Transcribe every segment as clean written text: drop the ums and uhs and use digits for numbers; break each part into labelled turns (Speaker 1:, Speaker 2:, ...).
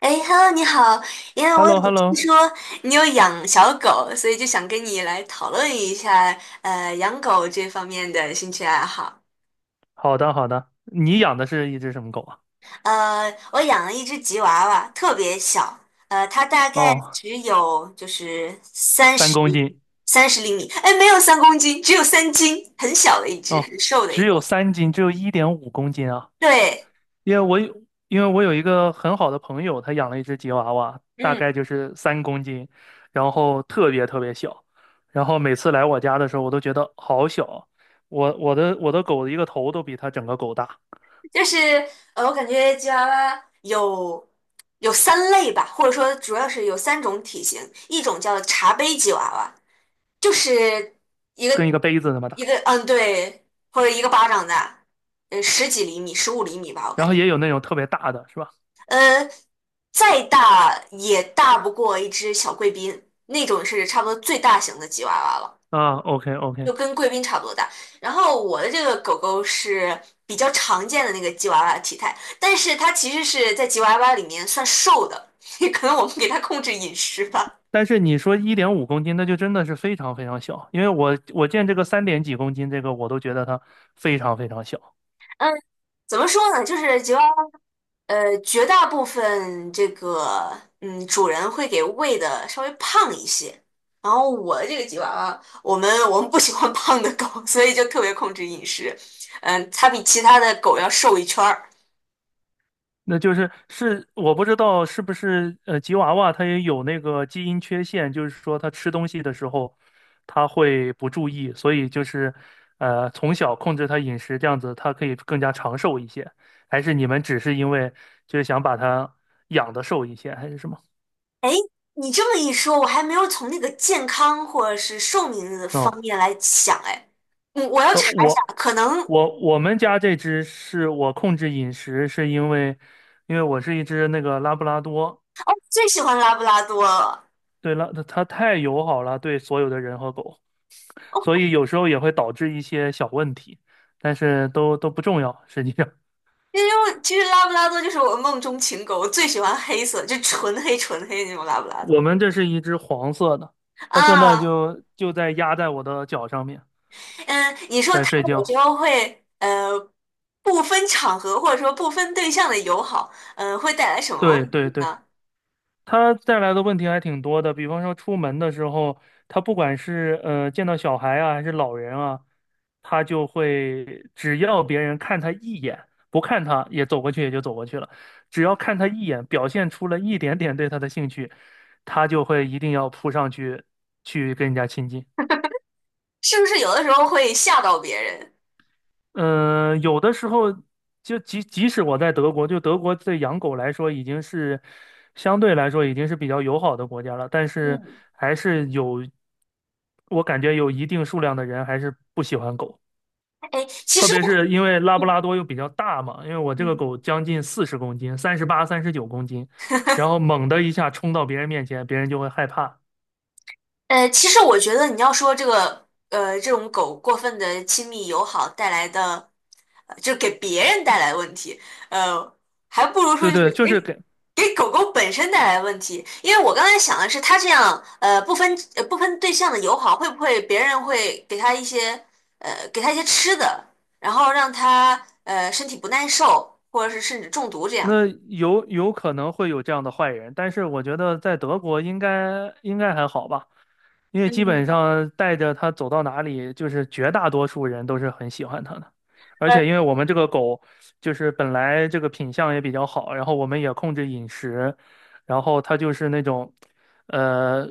Speaker 1: 哎，Hello，你好，因为
Speaker 2: h e l
Speaker 1: 我
Speaker 2: l o h
Speaker 1: 有
Speaker 2: e l l o
Speaker 1: 听说你有养小狗，所以就想跟你来讨论一下，养狗这方面的兴趣爱好。
Speaker 2: 好的好的。你养的是一只什么狗啊？
Speaker 1: 我养了一只吉娃娃，特别小，它大概
Speaker 2: 哦，
Speaker 1: 只有就是三
Speaker 2: 三
Speaker 1: 十
Speaker 2: 公斤。
Speaker 1: 三十厘米，哎，没有3公斤，只有3斤，很小的一只，
Speaker 2: 哦，
Speaker 1: 很瘦的一
Speaker 2: 只有
Speaker 1: 个。
Speaker 2: 3斤，只有一点五公斤啊。
Speaker 1: 对。
Speaker 2: 因为我有一个很好的朋友，他养了一只吉娃娃，大
Speaker 1: 嗯。
Speaker 2: 概就是三公斤，然后特别特别小，然后每次来我家的时候，我都觉得好小啊。我的狗的一个头都比它整个狗大，
Speaker 1: 就是我感觉吉娃娃有三类吧，或者说主要是有三种体型，一种叫茶杯吉娃娃，就是一
Speaker 2: 跟一
Speaker 1: 个
Speaker 2: 个杯子那么
Speaker 1: 一
Speaker 2: 大。
Speaker 1: 个嗯，对，或者一个巴掌大。十几厘米、15厘米吧，我
Speaker 2: 然
Speaker 1: 感
Speaker 2: 后
Speaker 1: 觉。
Speaker 2: 也有那种特别大的，是吧？
Speaker 1: 呃，再大也大不过一只小贵宾，那种是差不多最大型的吉娃娃了。
Speaker 2: 啊，OK
Speaker 1: 就
Speaker 2: OK。
Speaker 1: 跟贵宾差不多大。然后我的这个狗狗是比较常见的那个吉娃娃体态，但是它其实是在吉娃娃里面算瘦的，也可能我们给它控制饮食吧。
Speaker 2: 但是你说一点五公斤，那就真的是非常非常小，因为我见这个三点几公斤，这个我都觉得它非常非常小。
Speaker 1: 嗯。怎么说呢？就是吉娃娃，绝大部分这个主人会给喂的稍微胖一些。然后我的这个吉娃娃，我们不喜欢 胖的狗，所以就特别控制饮食。嗯，它比其他的狗要瘦一圈儿。
Speaker 2: 那就是我不知道是不是吉娃娃它也有那个基因缺陷，就是说它吃东西的时候它会不注意，所以就是从小控制它饮食这样子，它可以更加长寿一些。还是你们只是因为就是想把它养的瘦一些，还是什么？
Speaker 1: 哎，你这么一说，我还没有从那个健康或者是寿命的方
Speaker 2: 哦，
Speaker 1: 面来想。哎，我要
Speaker 2: 呃，
Speaker 1: 查一下，
Speaker 2: 我
Speaker 1: 可能。
Speaker 2: 我们家这只是我控制饮食，是因为因为我是一只那个拉布拉多，
Speaker 1: 最喜欢拉布拉多了，
Speaker 2: 对,它太友好了，对所有的人和狗，所以有时候也会导致一些小问题，但是都不重要。实际上，
Speaker 1: 因为其实拉布拉多就是我梦中情狗，我最喜欢黑色，就纯黑纯黑的那种拉布 拉
Speaker 2: 我
Speaker 1: 多
Speaker 2: 们这是一只黄色的，它现在
Speaker 1: 啊。
Speaker 2: 就在压在我的脚上面，
Speaker 1: 嗯，你说
Speaker 2: 在
Speaker 1: 它
Speaker 2: 睡
Speaker 1: 有时
Speaker 2: 觉。
Speaker 1: 候会不分场合或者说不分对象的友好，会带来什么
Speaker 2: 对
Speaker 1: 问
Speaker 2: 对
Speaker 1: 题
Speaker 2: 对。
Speaker 1: 呢？
Speaker 2: 他带来的问题还挺多的，比方说出门的时候，他不管是见到小孩啊，还是老人啊，他就会只要别人看他一眼，不看他也走过去也就走过去了，只要看他一眼，表现出了一点点对他的兴趣，他就会一定要扑上去去跟人家亲近。
Speaker 1: 是不是有的时候会吓到别人？
Speaker 2: 嗯，有的时候就即使我在德国，就德国对养狗来说已经是相对来说已经是比较友好的国家了，但是
Speaker 1: 嗯。
Speaker 2: 还是有，我感觉有一定数量的人还是不喜欢狗，
Speaker 1: 哎，其
Speaker 2: 特
Speaker 1: 实
Speaker 2: 别
Speaker 1: 我。
Speaker 2: 是因为拉布拉
Speaker 1: 嗯
Speaker 2: 多又比较大嘛，因为我这个
Speaker 1: 嗯
Speaker 2: 狗将近40公斤，38、39公斤，然后猛地一下冲到别人面前，别人就会害怕。
Speaker 1: 呃，其实我觉得你要说这个，这种狗过分的亲密友好带来的，就是给别人带来的问题，呃，还不如说
Speaker 2: 对
Speaker 1: 就
Speaker 2: 对，
Speaker 1: 是
Speaker 2: 就是
Speaker 1: 给
Speaker 2: 给。
Speaker 1: 给狗狗本身带来的问题。因为我刚才想的是，它这样，不分对象的友好，会不会别人会给它一些，给它一些吃的，然后让它身体不耐受，或者是甚至中毒这样。
Speaker 2: 那有可能会有这样的坏人，但是我觉得在德国应该还好吧。因为基本
Speaker 1: 嗯
Speaker 2: 上带着它走到哪里，就是绝大多数人都是很喜欢它的。而
Speaker 1: 呃
Speaker 2: 且因为我们这个狗就是本来这个品相也比较好，然后我们也控制饮食，然后它就是那种，呃，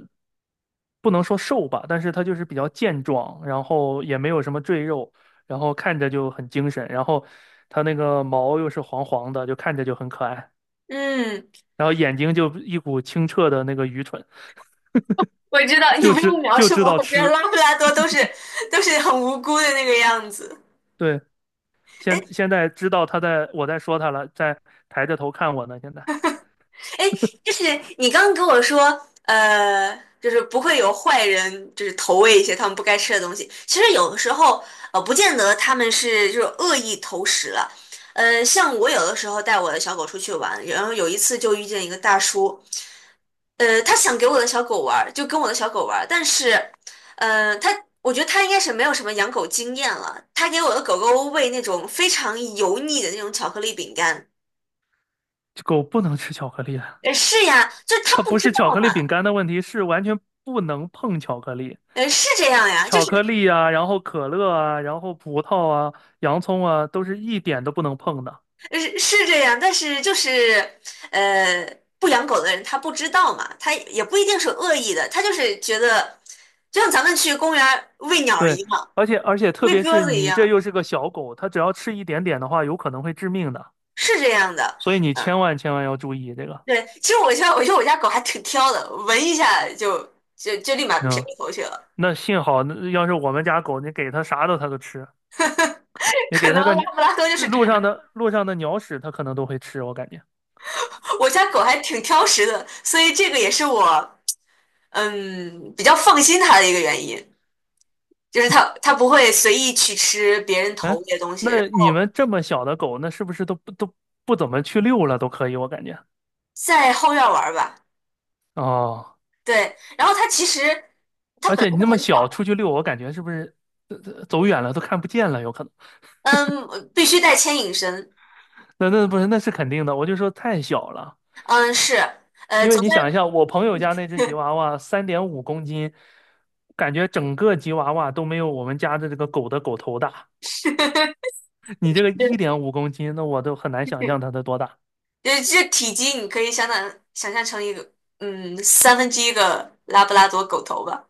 Speaker 2: 不能说瘦吧，但是它就是比较健壮，然后也没有什么赘肉，然后看着就很精神，然后它那个毛又是黄黄的，就看着就很可爱，
Speaker 1: 嗯，
Speaker 2: 然后眼睛就一股清澈的那个愚蠢，
Speaker 1: 我知道，你不用描
Speaker 2: 就
Speaker 1: 述
Speaker 2: 知
Speaker 1: 我，
Speaker 2: 道
Speaker 1: 我觉得
Speaker 2: 吃。
Speaker 1: 拉布拉多都是很无辜的那个样子。
Speaker 2: 对。
Speaker 1: 哎，
Speaker 2: 现在知道他在我在说他了，在抬着头看我呢。现在
Speaker 1: 哎，就是你刚刚跟我说，呃，就是不会有坏人，就是投喂一些他们不该吃的东西。其实有的时候，不见得他们是就是恶意投食了。像我有的时候带我的小狗出去玩，然后有一次就遇见一个大叔，他想给我的小狗玩儿就跟我的小狗玩儿但是，呃，他我觉得他应该是没有什么养狗经验了，他给我的狗狗喂那种非常油腻的那种巧克力饼干。
Speaker 2: 狗不能吃巧克力的，
Speaker 1: 是呀，就是他
Speaker 2: 它
Speaker 1: 不
Speaker 2: 不
Speaker 1: 知
Speaker 2: 是巧
Speaker 1: 道
Speaker 2: 克
Speaker 1: 嘛。
Speaker 2: 力饼干的问题，是完全不能碰巧克力。
Speaker 1: 是这样呀，就
Speaker 2: 巧克
Speaker 1: 是
Speaker 2: 力啊，然后可乐啊，然后葡萄啊，洋葱啊，都是一点都不能碰的。
Speaker 1: 是这样，但是就是呃，不养狗的人他不知道嘛，他也不一定是恶意的，他就是觉得，就像咱们去公园儿喂鸟儿一
Speaker 2: 对，
Speaker 1: 样，
Speaker 2: 而且特
Speaker 1: 喂
Speaker 2: 别
Speaker 1: 鸽
Speaker 2: 是
Speaker 1: 子一
Speaker 2: 你这又
Speaker 1: 样，
Speaker 2: 是个小狗，它只要吃一点点的话，有可能会致命的。
Speaker 1: 是这样的。
Speaker 2: 所以你千
Speaker 1: 嗯，
Speaker 2: 万千万要注意这个。
Speaker 1: 对，其实我觉得我家狗还挺挑的，闻一下就立马撇
Speaker 2: 嗯，
Speaker 1: 过头去了。
Speaker 2: 那幸好，那要是我们家狗，你给它啥的它都吃。你
Speaker 1: 可
Speaker 2: 给
Speaker 1: 能
Speaker 2: 它个
Speaker 1: 拉布拉多就是这
Speaker 2: 路上
Speaker 1: 样。
Speaker 2: 的路上的鸟屎，它可能都会吃，我感觉。
Speaker 1: 我家狗还挺挑食的，所以这个也是我比较放心它的一个原因。就是它不会随意去吃别人投喂的东西，然
Speaker 2: 那
Speaker 1: 后
Speaker 2: 你们这么小的狗，那是不是都不怎么去遛了？都可以，我感觉。
Speaker 1: 在后院玩儿吧。
Speaker 2: 哦，
Speaker 1: 对，然后它其实它
Speaker 2: 而
Speaker 1: 本来
Speaker 2: 且你
Speaker 1: 就
Speaker 2: 那么
Speaker 1: 很
Speaker 2: 小出
Speaker 1: 小。
Speaker 2: 去遛，我感觉是不是走远了都看不见了？有可能。
Speaker 1: 嗯，必须带牵引绳。
Speaker 2: 那不是，那是肯定的。我就说太小了，
Speaker 1: 嗯，是。呃，
Speaker 2: 因为
Speaker 1: 走
Speaker 2: 你想一
Speaker 1: 在
Speaker 2: 下，我朋友家那只吉娃娃3.5公斤，感觉整个吉娃娃都没有我们家的这个狗的狗头大。你这个一点五公斤，那我都很难想象它的多大，
Speaker 1: 这体积你可以相当想象成一个，三分之一个拉布拉多狗头吧。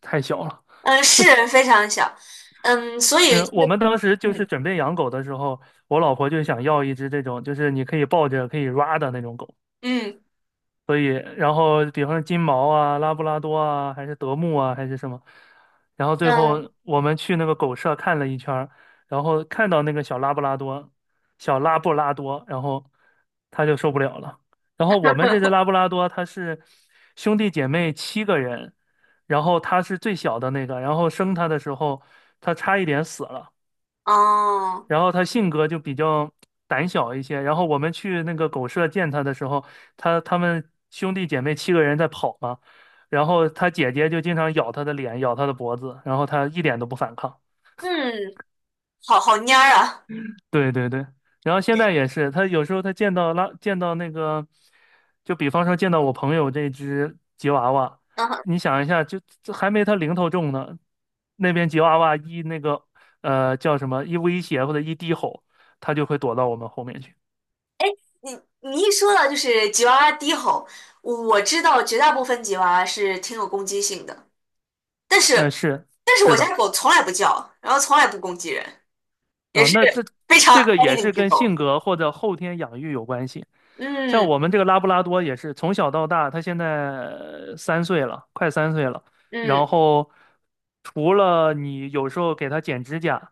Speaker 2: 太小了。
Speaker 1: 嗯，是非常小。嗯，所以
Speaker 2: 嗯，
Speaker 1: 这
Speaker 2: 我
Speaker 1: 个。
Speaker 2: 们当时就是
Speaker 1: 嗯，
Speaker 2: 准备养狗的时候，我老婆就想要一只这种，就是你可以抱着可以 ra 的那种狗。
Speaker 1: 嗯，
Speaker 2: 所以，然后比方说金毛啊、拉布拉多啊，还是德牧啊，还是什么。然后最后
Speaker 1: 嗯。
Speaker 2: 我们去那个狗舍看了一圈儿然后看到那个小拉布拉多，然后他就受不了了。然后我们这只拉布拉多，它是兄弟姐妹七个人，然后它是最小的那个，然后生它的时候，它差一点死了。
Speaker 1: 哦。
Speaker 2: 然后他性格就比较胆小一些。然后我们去那个狗舍见他的时候，他们兄弟姐妹七个人在跑嘛，然后他姐姐就经常咬他的脸，咬他的脖子，然后他一点都不反抗。
Speaker 1: 嗯，好好蔫儿啊。
Speaker 2: 对对对，然后现在也是，他有时候见到见到那个，就比方说见到我朋友这只吉娃娃，
Speaker 1: 嗯哼。
Speaker 2: 你想一下，就这还没他零头重呢，那边吉娃娃一那个叫什么一威胁或者一低吼，他就会躲到我们后面去。
Speaker 1: 你你一说到就是吉娃娃低吼，我知道绝大部分吉娃娃是挺有攻击性的，但
Speaker 2: 嗯，
Speaker 1: 是
Speaker 2: 是
Speaker 1: 我家
Speaker 2: 的，
Speaker 1: 狗从来不叫，然后从来不攻击人，也
Speaker 2: 啊、
Speaker 1: 是
Speaker 2: 那
Speaker 1: 非常
Speaker 2: 这个
Speaker 1: 哀
Speaker 2: 也
Speaker 1: 的一
Speaker 2: 是
Speaker 1: 只
Speaker 2: 跟性
Speaker 1: 狗。
Speaker 2: 格或者后天养育有关系。像
Speaker 1: 嗯，
Speaker 2: 我们这个拉布拉多也是从小到大，它现在三岁了，快三岁了。然
Speaker 1: 嗯，
Speaker 2: 后除了你有时候给它剪指甲，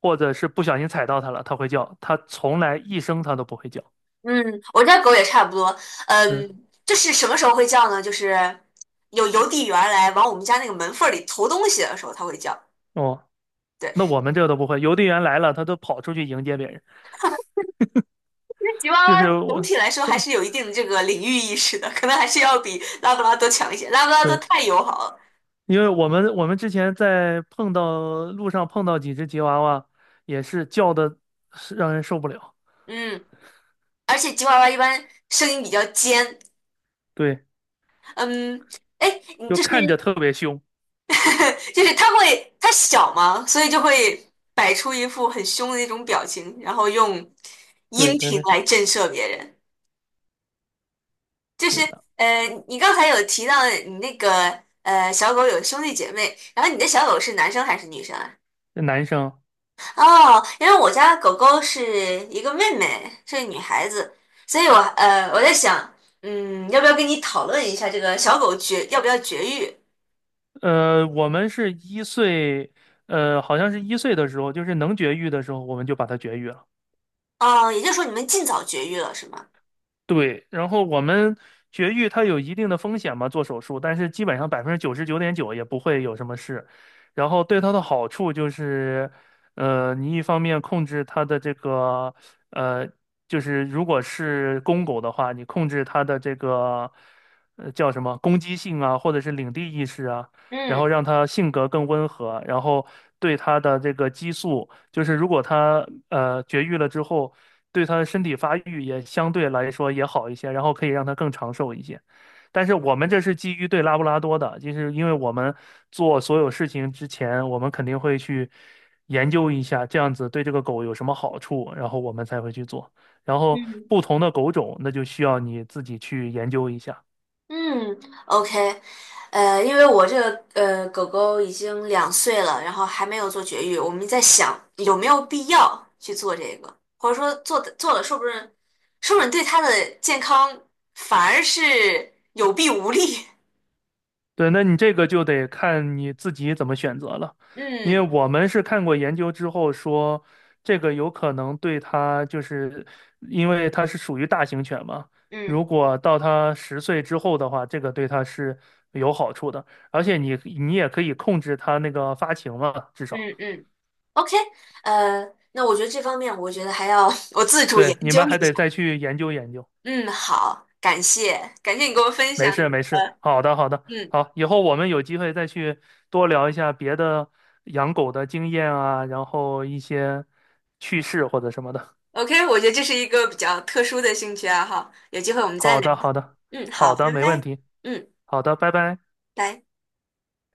Speaker 2: 或者是不小心踩到它了，它会叫，它从来一声它都不会叫。
Speaker 1: 嗯，我家狗也差不多。
Speaker 2: 嗯，
Speaker 1: 嗯，就是什么时候会叫呢？就是有邮递员来往我们家那个门缝儿里投东西的时候，它会叫。
Speaker 2: 哦，
Speaker 1: 对，
Speaker 2: 那我
Speaker 1: 因
Speaker 2: 们这个都不会，邮递员来了，它都跑出去迎接别人，
Speaker 1: 为吉娃
Speaker 2: 就是
Speaker 1: 娃总
Speaker 2: 我
Speaker 1: 体来说还
Speaker 2: 说
Speaker 1: 是有一定的这个领域意识的，可能还是要比拉布拉多强一些。拉布拉多
Speaker 2: 对。
Speaker 1: 太友好了。
Speaker 2: 因为我们之前在碰到路上碰到几只吉娃娃，也是叫的让人受不了，
Speaker 1: 嗯，而且吉娃娃一般声音比较尖。
Speaker 2: 对，
Speaker 1: 嗯，哎，你
Speaker 2: 就
Speaker 1: 就是
Speaker 2: 看着特别凶，
Speaker 1: 就是它小嘛，所以就会摆出一副很凶的那种表情，然后用
Speaker 2: 对
Speaker 1: 音
Speaker 2: 对
Speaker 1: 频
Speaker 2: 对，
Speaker 1: 来震慑别人。就
Speaker 2: 是
Speaker 1: 是
Speaker 2: 的，
Speaker 1: 呃，你刚才有提到你那个小狗有兄弟姐妹，然后你的小狗是男生还是女生啊？
Speaker 2: 男生，
Speaker 1: 哦，因为我家狗狗是一个妹妹，是个女孩子，所以我在想，嗯，要不要跟你讨论一下这个小狗要不要绝育？
Speaker 2: 我们是一岁，好像是一岁的时候，就是能绝育的时候，我们就把它绝育了。
Speaker 1: 啊，也就是说你们尽早绝育了是吗？
Speaker 2: 对，然后我们绝育它有一定的风险嘛，做手术，但是基本上99.9%也不会有什么事。然后对它的好处就是，你一方面控制它的这个，呃，就是如果是公狗的话，你控制它的这个，叫什么攻击性啊，或者是领地意识啊，然后
Speaker 1: 嗯，
Speaker 2: 让它性格更温和，然后对它的这个激素，就是如果它绝育了之后。对他的身体发育也相对来说也好一些，然后可以让他更长寿一些。但是我们这是基于对拉布拉多的，就是因为我们做所有事情之前，我们肯定会去研究一下这样子对这个狗有什么好处，然后我们才会去做。然后
Speaker 1: 嗯。
Speaker 2: 不同的狗种，那就需要你自己去研究一下。
Speaker 1: 嗯，OK。因为我这个狗狗已经2岁了，然后还没有做绝育，我们在想有没有必要去做这个，或者说做了，说不准对它的健康反而是有弊无利。
Speaker 2: 对，那你这个就得看你自己怎么选择了，因为
Speaker 1: 嗯，
Speaker 2: 我们是看过研究之后说，这个有可能对它就是，因为它是属于大型犬嘛，
Speaker 1: 嗯，
Speaker 2: 如果到它10岁之后的话，这个对它是有好处的，而且你也可以控制它那个发情嘛，至少，
Speaker 1: 嗯，嗯，OK。那我觉得这方面，我觉得还要 我自主研
Speaker 2: 对，你
Speaker 1: 究
Speaker 2: 们还
Speaker 1: 一
Speaker 2: 得
Speaker 1: 下。
Speaker 2: 再去研究研究。
Speaker 1: 嗯，好，感谢，感谢你给我分
Speaker 2: 没
Speaker 1: 享你
Speaker 2: 事没事，
Speaker 1: 的。
Speaker 2: 好的好的，
Speaker 1: 嗯
Speaker 2: 好，以后我们有机会再去多聊一下别的养狗的经验啊，然后一些趣事或者什么的。
Speaker 1: ，OK,我觉得这是一个比较特殊的兴趣爱好，有机会我们再
Speaker 2: 好
Speaker 1: 聊。
Speaker 2: 的好的
Speaker 1: 嗯，好，
Speaker 2: 好
Speaker 1: 拜
Speaker 2: 的，没问
Speaker 1: 拜。
Speaker 2: 题，
Speaker 1: 嗯，
Speaker 2: 好的，拜拜。
Speaker 1: 拜。